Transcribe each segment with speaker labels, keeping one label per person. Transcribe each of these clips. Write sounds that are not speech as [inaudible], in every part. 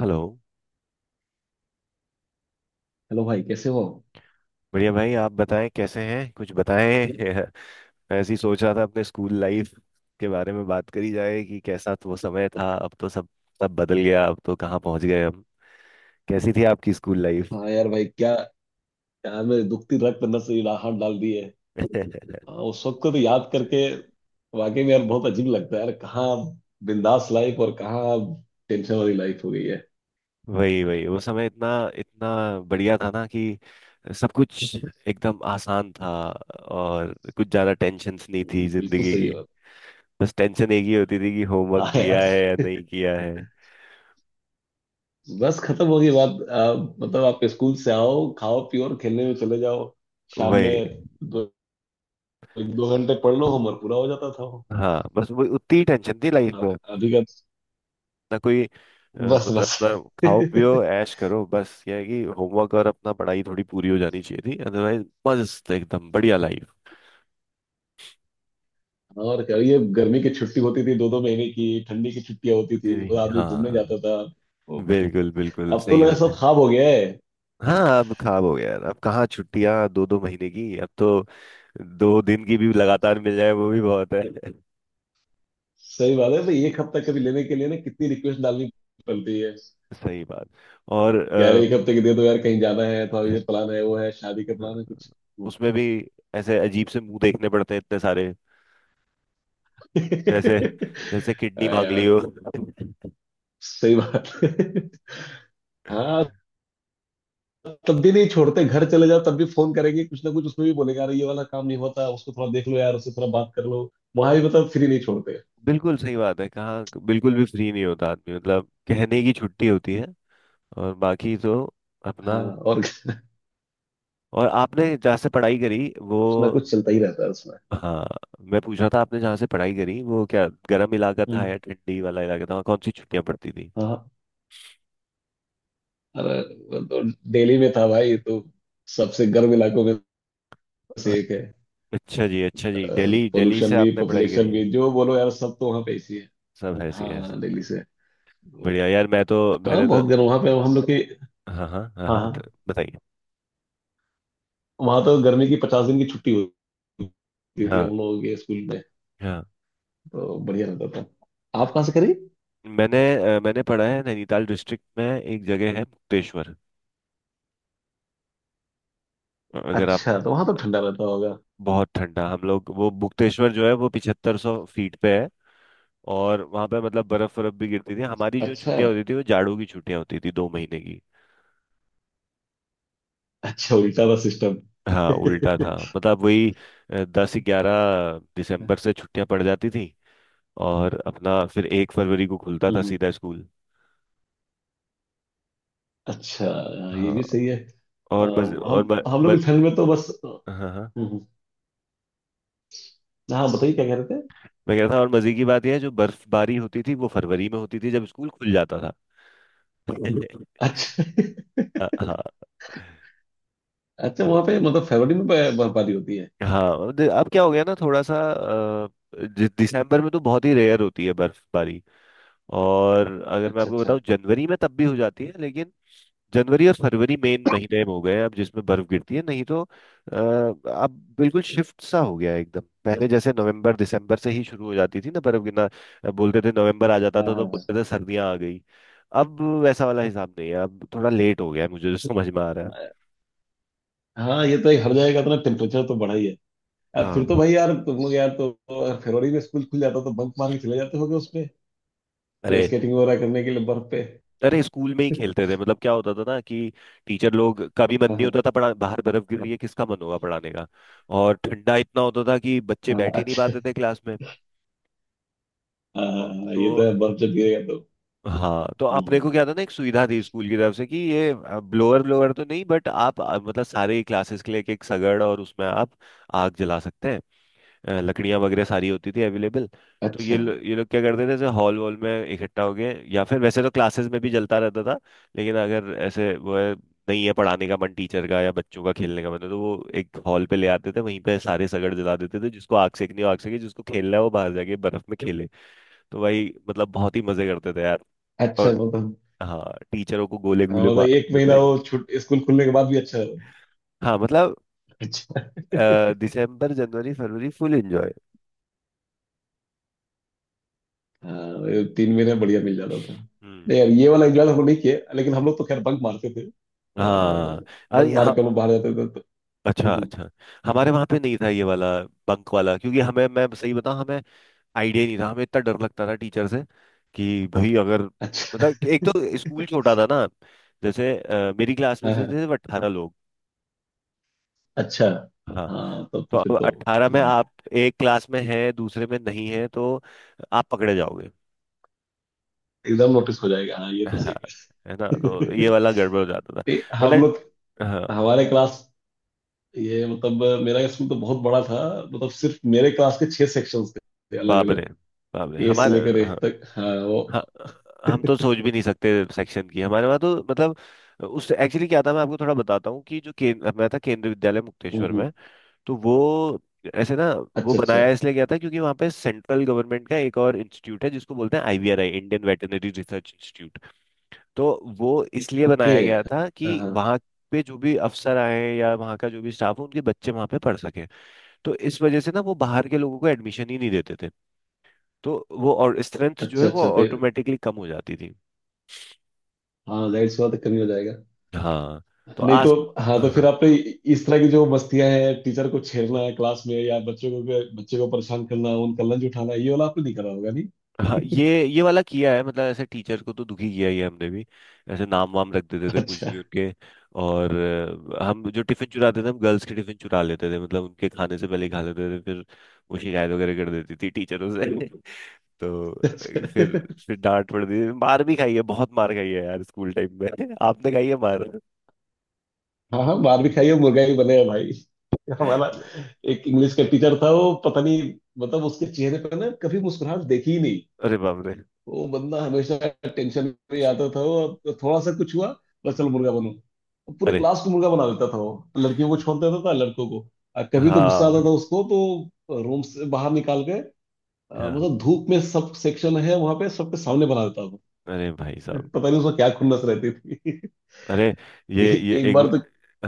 Speaker 1: Hello.
Speaker 2: Hello भाई, कैसे हो।
Speaker 1: बढ़िया भाई, आप बताएं कैसे हैं? कुछ बताएं। [laughs] ऐसी सोच रहा था अपने स्कूल लाइफ के बारे में बात करी जाए कि कैसा तो वो समय था। अब तो सब सब बदल गया, अब तो कहाँ पहुंच गए हम। कैसी थी आपकी स्कूल लाइफ?
Speaker 2: हाँ यार, भाई क्या यार, मेरे दुखती रग पे नस हाथ डाल दी है।
Speaker 1: [laughs]
Speaker 2: हाँ, उस वक्त को तो याद करके वाकई में यार बहुत अजीब लगता है यार। कहाँ बिंदास लाइफ और कहाँ टेंशन वाली लाइफ हो गई है।
Speaker 1: वही वही, वो समय इतना इतना बढ़िया था ना कि सब कुछ एकदम आसान था, और कुछ ज्यादा टेंशन्स नहीं थी
Speaker 2: बिल्कुल
Speaker 1: जिंदगी की।
Speaker 2: सही बात।
Speaker 1: बस टेंशन एक ही होती थी कि होमवर्क
Speaker 2: हाँ
Speaker 1: किया
Speaker 2: यार,
Speaker 1: है या नहीं किया है।
Speaker 2: बस खत्म हो गई बात। मतलब आप स्कूल से आओ, खाओ पियो और खेलने में चले जाओ। शाम
Speaker 1: वही।
Speaker 2: में दो दो घंटे पढ़ लो, होमवर्क पूरा हो जाता था वो।
Speaker 1: हाँ, बस वो उतनी ही टेंशन थी लाइफ
Speaker 2: अब-
Speaker 1: में।
Speaker 2: अभी का।
Speaker 1: ना कोई
Speaker 2: बस
Speaker 1: मतलब
Speaker 2: बस।
Speaker 1: अपना खाओ
Speaker 2: [laughs]
Speaker 1: पियो ऐश करो, बस ये है कि होमवर्क और अपना पढ़ाई थोड़ी पूरी हो जानी चाहिए थी, अदरवाइज मस्त एकदम बढ़िया लाइफ।
Speaker 2: और क्या, ये गर्मी की छुट्टी होती थी दो दो महीने की, ठंडी की छुट्टियां होती थी और आदमी घूमने
Speaker 1: हाँ,
Speaker 2: जाता था। वो-
Speaker 1: बिल्कुल बिल्कुल
Speaker 2: अब तो
Speaker 1: सही
Speaker 2: लगा
Speaker 1: बात
Speaker 2: सब
Speaker 1: है।
Speaker 2: खाब हो गया है।
Speaker 1: हाँ, अब खराब हो गया यार। अब कहाँ छुट्टियां दो दो महीने की, अब तो 2 दिन की भी लगातार मिल जाए वो भी बहुत है। [laughs]
Speaker 2: सही बात है भाई, एक हफ्ता कभी लेने के लिए ना कितनी रिक्वेस्ट डालनी पड़ती है।
Speaker 1: सही बात। और
Speaker 2: यार एक हफ्ते की दे दो यार, कहीं जाना है थोड़ा, ये प्लान है वो है शादी का प्लान है कुछ।
Speaker 1: उसमें भी ऐसे अजीब से मुंह देखने पड़ते हैं इतने सारे, जैसे
Speaker 2: [laughs]
Speaker 1: जैसे किडनी
Speaker 2: हाँ
Speaker 1: मांग ली
Speaker 2: यार,
Speaker 1: हो।
Speaker 2: सही बात [laughs] है। हाँ, तब भी नहीं छोड़ते। घर चले जाओ तब भी फोन करेंगे। कुछ ना कुछ उसमें भी बोलेगा, अरे ये वाला काम नहीं होता, उसको थोड़ा देख लो यार, उससे थोड़ा बात कर लो। वहां भी मतलब फ्री नहीं छोड़ते।
Speaker 1: बिल्कुल सही बात है, कहाँ बिल्कुल भी फ्री नहीं होता आदमी, मतलब कहने की छुट्टी होती है और बाकी तो अपना।
Speaker 2: हाँ, और
Speaker 1: और आपने जहाँ से पढ़ाई करी वो?
Speaker 2: कुछ ना कुछ चलता ही रहता है उसमें।
Speaker 1: हाँ, मैं पूछ रहा था आपने जहाँ से पढ़ाई करी, वो क्या गर्म इलाका था
Speaker 2: हम्म,
Speaker 1: या ठंडी वाला इलाका था, वहाँ कौन सी छुट्टियाँ पड़ती थी?
Speaker 2: हाँ, अरे वो तो दिल्ली में था भाई, तो सबसे गर्म इलाकों में
Speaker 1: अ-
Speaker 2: से एक है।
Speaker 1: अच्छा जी, अच्छा जी, दिल्ली, दिल्ली से
Speaker 2: पोल्यूशन भी,
Speaker 1: आपने पढ़ाई
Speaker 2: पॉपुलेशन
Speaker 1: करी
Speaker 2: भी,
Speaker 1: है।
Speaker 2: जो बोलो यार, सब तो वहाँ पे ऐसी है।
Speaker 1: सब ऐसी
Speaker 2: हाँ
Speaker 1: है
Speaker 2: हाँ, दिल्ली
Speaker 1: सब।
Speaker 2: से।
Speaker 1: बढ़िया यार, मैं तो
Speaker 2: हाँ,
Speaker 1: मैंने तो
Speaker 2: बहुत गर्म वहाँ पे हम लोग की।
Speaker 1: हाँ हाँ हाँ हाँ,
Speaker 2: हाँ हाँ,
Speaker 1: बताइए।
Speaker 2: वहाँ तो गर्मी की 50 दिन की छुट्टी होती थी
Speaker 1: हाँ
Speaker 2: हम लोगों के स्कूल में।
Speaker 1: हाँ।
Speaker 2: तो बढ़िया रहता था। आप कहाँ से करी?
Speaker 1: मैंने मैंने पढ़ा है नैनीताल डिस्ट्रिक्ट में, एक जगह है मुक्तेश्वर। अगर आप
Speaker 2: अच्छा, तो वहाँ तो ठंडा रहता होगा।
Speaker 1: बहुत ठंडा। हम लोग वो मुक्तेश्वर जो है वो 7500 फीट पे है। और वहां पे मतलब बर्फ, बर्फ भी गिरती थी। हमारी जो
Speaker 2: अच्छा
Speaker 1: छुट्टियां होती थी वो जाड़ों की छुट्टियां होती थी, 2 महीने की।
Speaker 2: अच्छा, उल्टा था सिस्टम।
Speaker 1: हाँ उल्टा था,
Speaker 2: [laughs]
Speaker 1: मतलब वही 10-11 दिसंबर से छुट्टियां पड़ जाती थी, और अपना फिर 1 फरवरी को खुलता था
Speaker 2: हम्म।
Speaker 1: सीधा स्कूल।
Speaker 2: अच्छा। हाँ, ये
Speaker 1: हाँ।
Speaker 2: भी सही है। अ,
Speaker 1: और मज और
Speaker 2: हम
Speaker 1: म,
Speaker 2: हम लोग
Speaker 1: म,
Speaker 2: की ठंड में तो बस।
Speaker 1: हाँ हाँ,
Speaker 2: हम्म। हाँ, बताइए क्या कह रहे थे।
Speaker 1: मैं कह रहा था, और मजे की बात यह है, जो बर्फबारी होती थी वो फरवरी में होती थी जब स्कूल खुल जाता था। [laughs]
Speaker 2: अच्छा। [laughs]
Speaker 1: हाँ।
Speaker 2: अच्छा,
Speaker 1: तो
Speaker 2: वहाँ पे मतलब फरवरी में बर्फबारी होती है?
Speaker 1: हाँ अब क्या हो गया ना थोड़ा सा दिसंबर में तो बहुत ही रेयर होती है बर्फबारी। और अगर मैं
Speaker 2: अच्छा
Speaker 1: आपको
Speaker 2: अच्छा।
Speaker 1: बताऊं, जनवरी में तब भी हो जाती है, लेकिन जनवरी और फरवरी मेन महीने हो गए हैं अब जिसमें बर्फ गिरती है। नहीं तो अब बिल्कुल शिफ्ट सा हो गया है एकदम, पहले जैसे नवंबर दिसंबर से ही शुरू हो जाती थी ना बर्फ गिरना। बोलते थे नवंबर आ जाता
Speaker 2: हाँ
Speaker 1: था तो
Speaker 2: हाँ
Speaker 1: बोलते थे सर्दियां आ गई। अब वैसा वाला हिसाब नहीं है, अब थोड़ा लेट हो गया है, मुझे जो समझ में आ रहा है।
Speaker 2: हाँ हाँ, ये तो एक हर जगह का तो ना, टेम्परेचर तो बढ़ा ही है। अब फिर तो
Speaker 1: हाँ।
Speaker 2: भाई यार, तुम लोग यार, तो अगर फरवरी में स्कूल खुल जाता तो बंक मार के चले जाते होगे उसमें। कोई
Speaker 1: अरे,
Speaker 2: स्केटिंग वगैरह करने के लिए बर्फ पे।
Speaker 1: अरे स्कूल में ही खेलते थे। मतलब क्या होता था ना कि टीचर लोग का भी मन
Speaker 2: हाँ
Speaker 1: नहीं
Speaker 2: हाँ
Speaker 1: होता था पढ़ा, बाहर बर्फ गिर रही है किसका मन होगा पढ़ाने का। और ठंडा इतना होता था कि बच्चे
Speaker 2: हाँ,
Speaker 1: बैठ ही नहीं
Speaker 2: अच्छा।
Speaker 1: पाते थे क्लास में।
Speaker 2: हाँ
Speaker 1: और-
Speaker 2: हाँ,
Speaker 1: तो
Speaker 2: ये तो है, बर्फ जब गिरेगा तो।
Speaker 1: हाँ, तो अपने को
Speaker 2: हम्म।
Speaker 1: क्या था ना, एक सुविधा थी स्कूल की तरफ से कि ये ब्लोअर, ब्लोअर तो नहीं, बट आप मतलब सारे क्लासेस के लिए एक एक सगड़, और उसमें आप आग जला सकते हैं। लकड़ियां वगैरह सारी होती थी अवेलेबल। तो ये
Speaker 2: अच्छा
Speaker 1: लो, ये लोग क्या करते थे, जैसे हॉल वॉल में इकट्ठा हो गए, या फिर वैसे तो क्लासेस में भी जलता रहता था, लेकिन अगर ऐसे वो है, नहीं है पढ़ाने का मन टीचर का या बच्चों का खेलने का मन, तो वो एक हॉल पे ले आते थे, वहीं पे सारे सगड़ जला देते थे, जिसको आग सेकनी हो आग सेके, जिसको खेलना है वो बाहर जाके बर्फ में खेले। तो भाई मतलब बहुत ही मजे करते थे यार।
Speaker 2: अच्छा,
Speaker 1: और
Speaker 2: मतलब
Speaker 1: हाँ, टीचरों को गोले
Speaker 2: हाँ,
Speaker 1: गोले
Speaker 2: मतलब एक
Speaker 1: मारते
Speaker 2: महीना
Speaker 1: थे।
Speaker 2: वो छुट स्कूल खुलने के बाद भी, अच्छा
Speaker 1: हाँ, मतलब
Speaker 2: है।
Speaker 1: दिसंबर जनवरी फरवरी फुल एंजॉय।
Speaker 2: हाँ, ये 3 महीने में बढ़िया मिल जाता था।
Speaker 1: हम्म।
Speaker 2: नहीं यार, ये वाला एंजॉय हमने नहीं किया, लेकिन हम लोग तो खैर बंक मारते थे।
Speaker 1: हाँ,
Speaker 2: बंक
Speaker 1: अरे
Speaker 2: मार
Speaker 1: हाँ,
Speaker 2: के हम लोग बाहर जाते थे तो। हम्म,
Speaker 1: अच्छा
Speaker 2: हम्म।
Speaker 1: अच्छा। हमारे वहां पे नहीं था ये वाला बंक वाला, क्योंकि हमें, मैं सही बताऊं, हमें आइडिया नहीं था, हमें इतना डर लगता था टीचर से कि भाई अगर,
Speaker 2: अच्छा।
Speaker 1: मतलब कि एक तो स्कूल छोटा था ना, जैसे मेरी क्लास में
Speaker 2: हाँ,
Speaker 1: से
Speaker 2: हाँ,
Speaker 1: थे 18 लोग।
Speaker 2: अच्छा।
Speaker 1: हाँ,
Speaker 2: हाँ, तब
Speaker 1: तो
Speaker 2: तो फिर
Speaker 1: अब
Speaker 2: तो
Speaker 1: 18 में
Speaker 2: हम्म,
Speaker 1: आप एक क्लास में हैं दूसरे में नहीं है तो आप पकड़े जाओगे।
Speaker 2: एकदम नोटिस हो जाएगा। हाँ, ये तो
Speaker 1: हाँ
Speaker 2: सही
Speaker 1: है ना, तो ये
Speaker 2: है। [laughs]
Speaker 1: वाला गड़बड़ हो जाता था।
Speaker 2: नहीं, हम
Speaker 1: मतलब।
Speaker 2: लोग
Speaker 1: हाँ
Speaker 2: हमारे क्लास, ये मतलब मेरा स्कूल तो बहुत बड़ा था। मतलब सिर्फ मेरे क्लास के 6 सेक्शंस थे अलग
Speaker 1: बाबरे
Speaker 2: अलग।
Speaker 1: बाबरे
Speaker 2: ए से
Speaker 1: हमारे।
Speaker 2: लेकर
Speaker 1: हाँ।
Speaker 2: एफ तक। हाँ वो।
Speaker 1: ह- हम तो सोच भी नहीं सकते सेक्शन की। हमारे वहाँ तो मतलब उस एक्चुअली क्या था, मैं आपको थोड़ा बताता हूँ, कि जो केंद्र मैं था केंद्रीय विद्यालय मुक्तेश्वर
Speaker 2: हम्म।
Speaker 1: में, तो वो ऐसे ना वो
Speaker 2: अच्छा अच्छा।
Speaker 1: बनाया इसलिए गया था क्योंकि वहाँ पे सेंट्रल गवर्नमेंट का एक और इंस्टीट्यूट है जिसको बोलते हैं IVRI, Indian Veterinary Research Institute. तो वो इसलिए
Speaker 2: ओके।
Speaker 1: बनाया गया था
Speaker 2: हाँ
Speaker 1: कि
Speaker 2: हाँ,
Speaker 1: वहाँ पे जो भी अफसर आए हैं या वहाँ का जो भी स्टाफ हो, उनके बच्चे वहाँ पे पढ़ सके। तो इस वजह से ना वो बाहर के लोगों को एडमिशन ही नहीं देते थे। तो वो और स्ट्रेंथ जो
Speaker 2: अच्छा।
Speaker 1: है वो
Speaker 2: अच्छा तो
Speaker 1: ऑटोमेटिकली कम हो जाती थी।
Speaker 2: हाँ, जाहिर सी बात है, कमी हो जाएगा।
Speaker 1: हाँ, तो
Speaker 2: नहीं तो,
Speaker 1: आस।
Speaker 2: हाँ तो
Speaker 1: हाँ
Speaker 2: फिर आपने इस तरह की जो मस्तियां हैं, टीचर को छेड़ना है क्लास में या बच्चों को बच्चे को परेशान करना, उनका लंच उठाना, ये वाला आपने नहीं करा होगा नहीं?
Speaker 1: हाँ, ये वाला किया है, मतलब ऐसे टीचर को तो दुखी किया ही है हमने भी। ऐसे नाम वाम रख देते थे कुछ
Speaker 2: अच्छा
Speaker 1: भी उनके। और हम जो टिफिन चुराते थे, हम गर्ल्स के टिफिन चुरा लेते थे, मतलब उनके खाने से पहले ही खा लेते थे, फिर वो शिकायत वगैरह कर देती थी टीचरों से। [laughs] तो
Speaker 2: अच्छा।
Speaker 1: फिर डांट पड़ती थी। मार भी खाई है, बहुत मार खाई है यार स्कूल टाइम में। [laughs] आपने खाई है मार?
Speaker 2: हाँ हाँ, मार भी खाई है मुर्गा भी बने हैं भाई। हमारा एक इंग्लिश का टीचर था, वो पता नहीं, मतलब उसके चेहरे पर ना कभी मुस्कुराहट देखी ही।
Speaker 1: अरे बाप रे। [laughs]
Speaker 2: वो बंदा हमेशा टेंशन में ही आता था वो। अब थोड़ा सा कुछ हुआ, बस
Speaker 1: हम्म,
Speaker 2: चलो मुर्गा बनो। अब पूरे
Speaker 1: अरे
Speaker 2: क्लास को मुर्गा बना देता था वो। लड़कियों को छोड़ देता था, लड़कों को। और कभी तो गुस्सा आता था
Speaker 1: हाँ
Speaker 2: उसको, तो रूम से बाहर निकाल के
Speaker 1: हाँ।
Speaker 2: मतलब धूप में, सब सेक्शन है वहां पे, सबके सामने बना देता था।
Speaker 1: अरे भाई साहब,
Speaker 2: पता नहीं उसमें क्या खुन्नस रहती थी। [laughs]
Speaker 1: अरे ये
Speaker 2: ए,
Speaker 1: ये
Speaker 2: एक
Speaker 1: एक
Speaker 2: बार तो।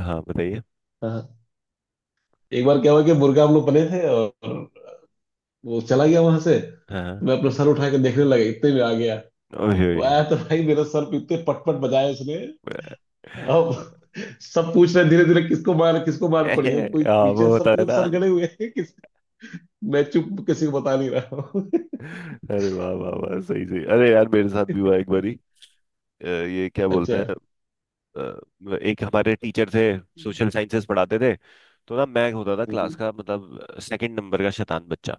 Speaker 1: हाँ बताइए।
Speaker 2: हाँ, एक बार क्या हुआ कि मुर्गा हम लोग बने थे और वो चला गया वहां से।
Speaker 1: हाँ हाँ।
Speaker 2: मैं अपना सर उठा के देखने लगा, इतने में आ गया।
Speaker 1: ओए
Speaker 2: वो
Speaker 1: ओए।
Speaker 2: आया तो भाई, मेरा सर पे इतने पटपट बजाए उसने। अब
Speaker 1: [laughs]
Speaker 2: सब पूछ रहे धीरे धीरे, किसको मार, किसको मार
Speaker 1: अरे,
Speaker 2: पड़ी है, कोई
Speaker 1: हाँ
Speaker 2: नीचे,
Speaker 1: वो होता
Speaker 2: सब
Speaker 1: है ना।
Speaker 2: सर गड़े हुए हैं, किस। मैं चुप, किसी को बता नहीं रहा हूँ। [laughs]
Speaker 1: अरे वाह वाह वाह, सही सही। अरे यार, मेरे साथ भी हुआ एक बारी। ये क्या
Speaker 2: अच्छा।
Speaker 1: बोलते हैं, एक हमारे टीचर थे, सोशल साइंसेस पढ़ाते थे। तो ना मैं होता था क्लास
Speaker 2: हम्म,
Speaker 1: का मतलब सेकंड नंबर का शैतान बच्चा।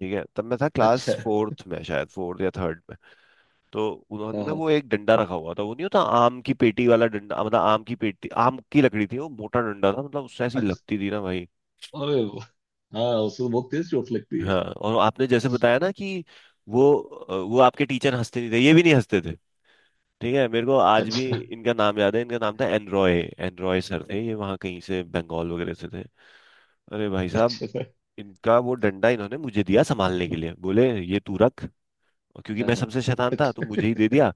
Speaker 1: ठीक है, तब मैं था क्लास
Speaker 2: अच्छा।
Speaker 1: फोर्थ में, शायद फोर्थ या थर्ड। तो उन्होंने
Speaker 2: हाँ
Speaker 1: ना
Speaker 2: हाँ,
Speaker 1: वो एक डंडा रखा हुआ था, वो नहीं होता आम की पेटी वाला डंडा, मतलब आम की पेटी, आम की लकड़ी थी, वो मोटा डंडा था, मतलब उससे ऐसी
Speaker 2: अच्छा।
Speaker 1: लगती थी ना भाई।
Speaker 2: अरे वाह, हाँ, उसको बहुत तेज चोट लगती है।
Speaker 1: हाँ, और आपने जैसे बताया ना कि वो वो आपके टीचर हंसते नहीं थे, ये भी नहीं हंसते थे। ठीक है, मेरे को आज भी
Speaker 2: अच्छा
Speaker 1: इनका नाम याद है। इनका नाम था एनरॉय। एनरॉय सर थे, ये वहाँ कहीं से बंगाल वगैरह से थे। अरे भाई साहब,
Speaker 2: अच्छा।
Speaker 1: इनका वो डंडा इन्होंने मुझे दिया संभालने के लिए, बोले ये तू रख। और क्योंकि
Speaker 2: हाँ
Speaker 1: मैं
Speaker 2: हाँ,
Speaker 1: सबसे शैतान था तो
Speaker 2: अच्छा।
Speaker 1: मुझे ही दे दिया,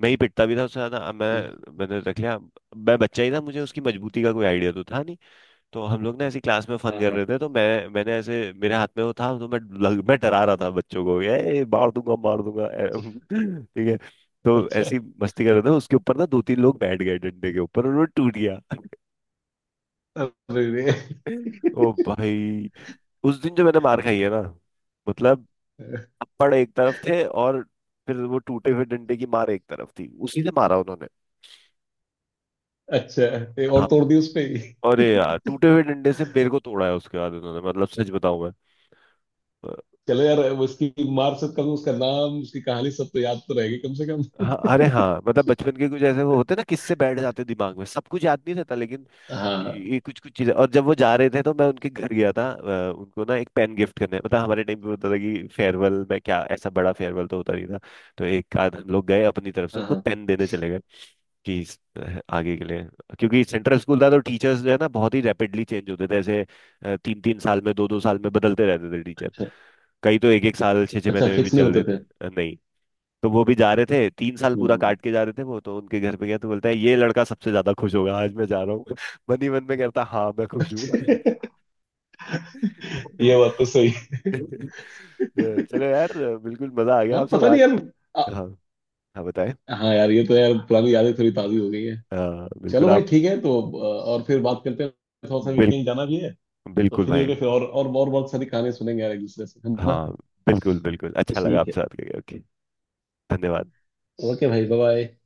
Speaker 1: मैं ही पिटता भी था उससे ज्यादा। अब
Speaker 2: हम्म,
Speaker 1: मैंने रख लिया। मैं बच्चा ही था, मुझे उसकी मजबूती का कोई आइडिया तो था नहीं। तो हम लोग ना ऐसी क्लास में फन
Speaker 2: हाँ
Speaker 1: कर
Speaker 2: हाँ,
Speaker 1: रहे थे, तो मैंने ऐसे मेरे हाथ में वो था, तो मैं डरा रहा था बच्चों को, ये मार दूंगा मार दूंगा, ए। [laughs] ठीक है, तो
Speaker 2: अच्छा।
Speaker 1: ऐसी मस्ती कर रहे थे, उसके ऊपर ना दो तीन लोग बैठ गए डंडे के ऊपर और वो टूट गया।
Speaker 2: अरे रे।
Speaker 1: [laughs] ओ भाई, उस दिन जो मैंने मार खाई है ना, मतलब थप्पड़ एक तरफ थे और फिर वो टूटे हुए डंडे की मार एक तरफ थी, उसी से मारा उन्होंने।
Speaker 2: अच्छा, ये और तोड़ दी उस पे ही।
Speaker 1: अरे यार, टूटे हुए डंडे से मेरे को तोड़ा है उसके बाद उन्होंने, मतलब सच बताऊं मैं, अ,
Speaker 2: चलो यार, उसकी मार से कम, उसका नाम उसकी कहानी सब तो याद तो रहेगी कम से कम।
Speaker 1: हाँ। अरे हाँ, मतलब बचपन के कुछ ऐसे वो होते ना, किससे बैठ जाते दिमाग में, सब कुछ याद नहीं रहता लेकिन
Speaker 2: हाँ
Speaker 1: ये कुछ कुछ चीजें। और जब वो जा रहे थे तो मैं उनके घर गया था, उनको ना एक पेन गिफ्ट करने, मतलब हमारे टाइम पे होता था कि फेयरवेल में क्या, ऐसा बड़ा फेयरवेल तो होता नहीं था, तो एक आध हम लोग गए अपनी तरफ से
Speaker 2: हाँ
Speaker 1: उनको
Speaker 2: हाँ,
Speaker 1: पेन देने चले गए कि आगे के लिए। क्योंकि सेंट्रल स्कूल था तो टीचर्स जो है ना बहुत ही रैपिडली चेंज होते थे ऐसे, तीन तीन साल में दो दो साल में बदलते रहते थे टीचर। कई तो एक एक साल छः छः
Speaker 2: अच्छा।
Speaker 1: महीने में भी
Speaker 2: फिक्स नहीं
Speaker 1: चल
Speaker 2: होते
Speaker 1: देते।
Speaker 2: थे?
Speaker 1: नहीं तो वो भी जा रहे थे, 3 साल पूरा
Speaker 2: हम्म,
Speaker 1: काट के जा रहे थे वो, तो उनके घर पे गया तो बोलता है ये लड़का सबसे ज्यादा खुश होगा आज मैं जा रहा हूँ। [laughs] मन ही मन में कहता हाँ मैं खुश हूँ। [laughs]
Speaker 2: ये बात तो सही।
Speaker 1: चलो यार, बिल्कुल मजा आ गया
Speaker 2: हाँ,
Speaker 1: आपसे
Speaker 2: पता नहीं
Speaker 1: बात।
Speaker 2: यार। आ,
Speaker 1: हाँ, हाँ बताएं।
Speaker 2: हाँ यार, ये तो यार पुरानी यादें थोड़ी ताज़ी हो गई है।
Speaker 1: अ, बिल्कुल
Speaker 2: चलो भाई,
Speaker 1: आप,
Speaker 2: ठीक है तो और फिर बात करते हैं। थोड़ा सा भी
Speaker 1: बिल,
Speaker 2: कहीं जाना भी है। तो
Speaker 1: बिल्कुल
Speaker 2: फ्री
Speaker 1: भाई।
Speaker 2: होके फिर और बहुत सारी कहानी सुनेंगे यार एक दूसरे से, है ना?
Speaker 1: हाँ, बिल्कुल बिल्कुल अच्छा लगा
Speaker 2: ठीक है,
Speaker 1: आपसे बात करके। ओके, धन्यवाद।
Speaker 2: ओके भाई। Bye bye.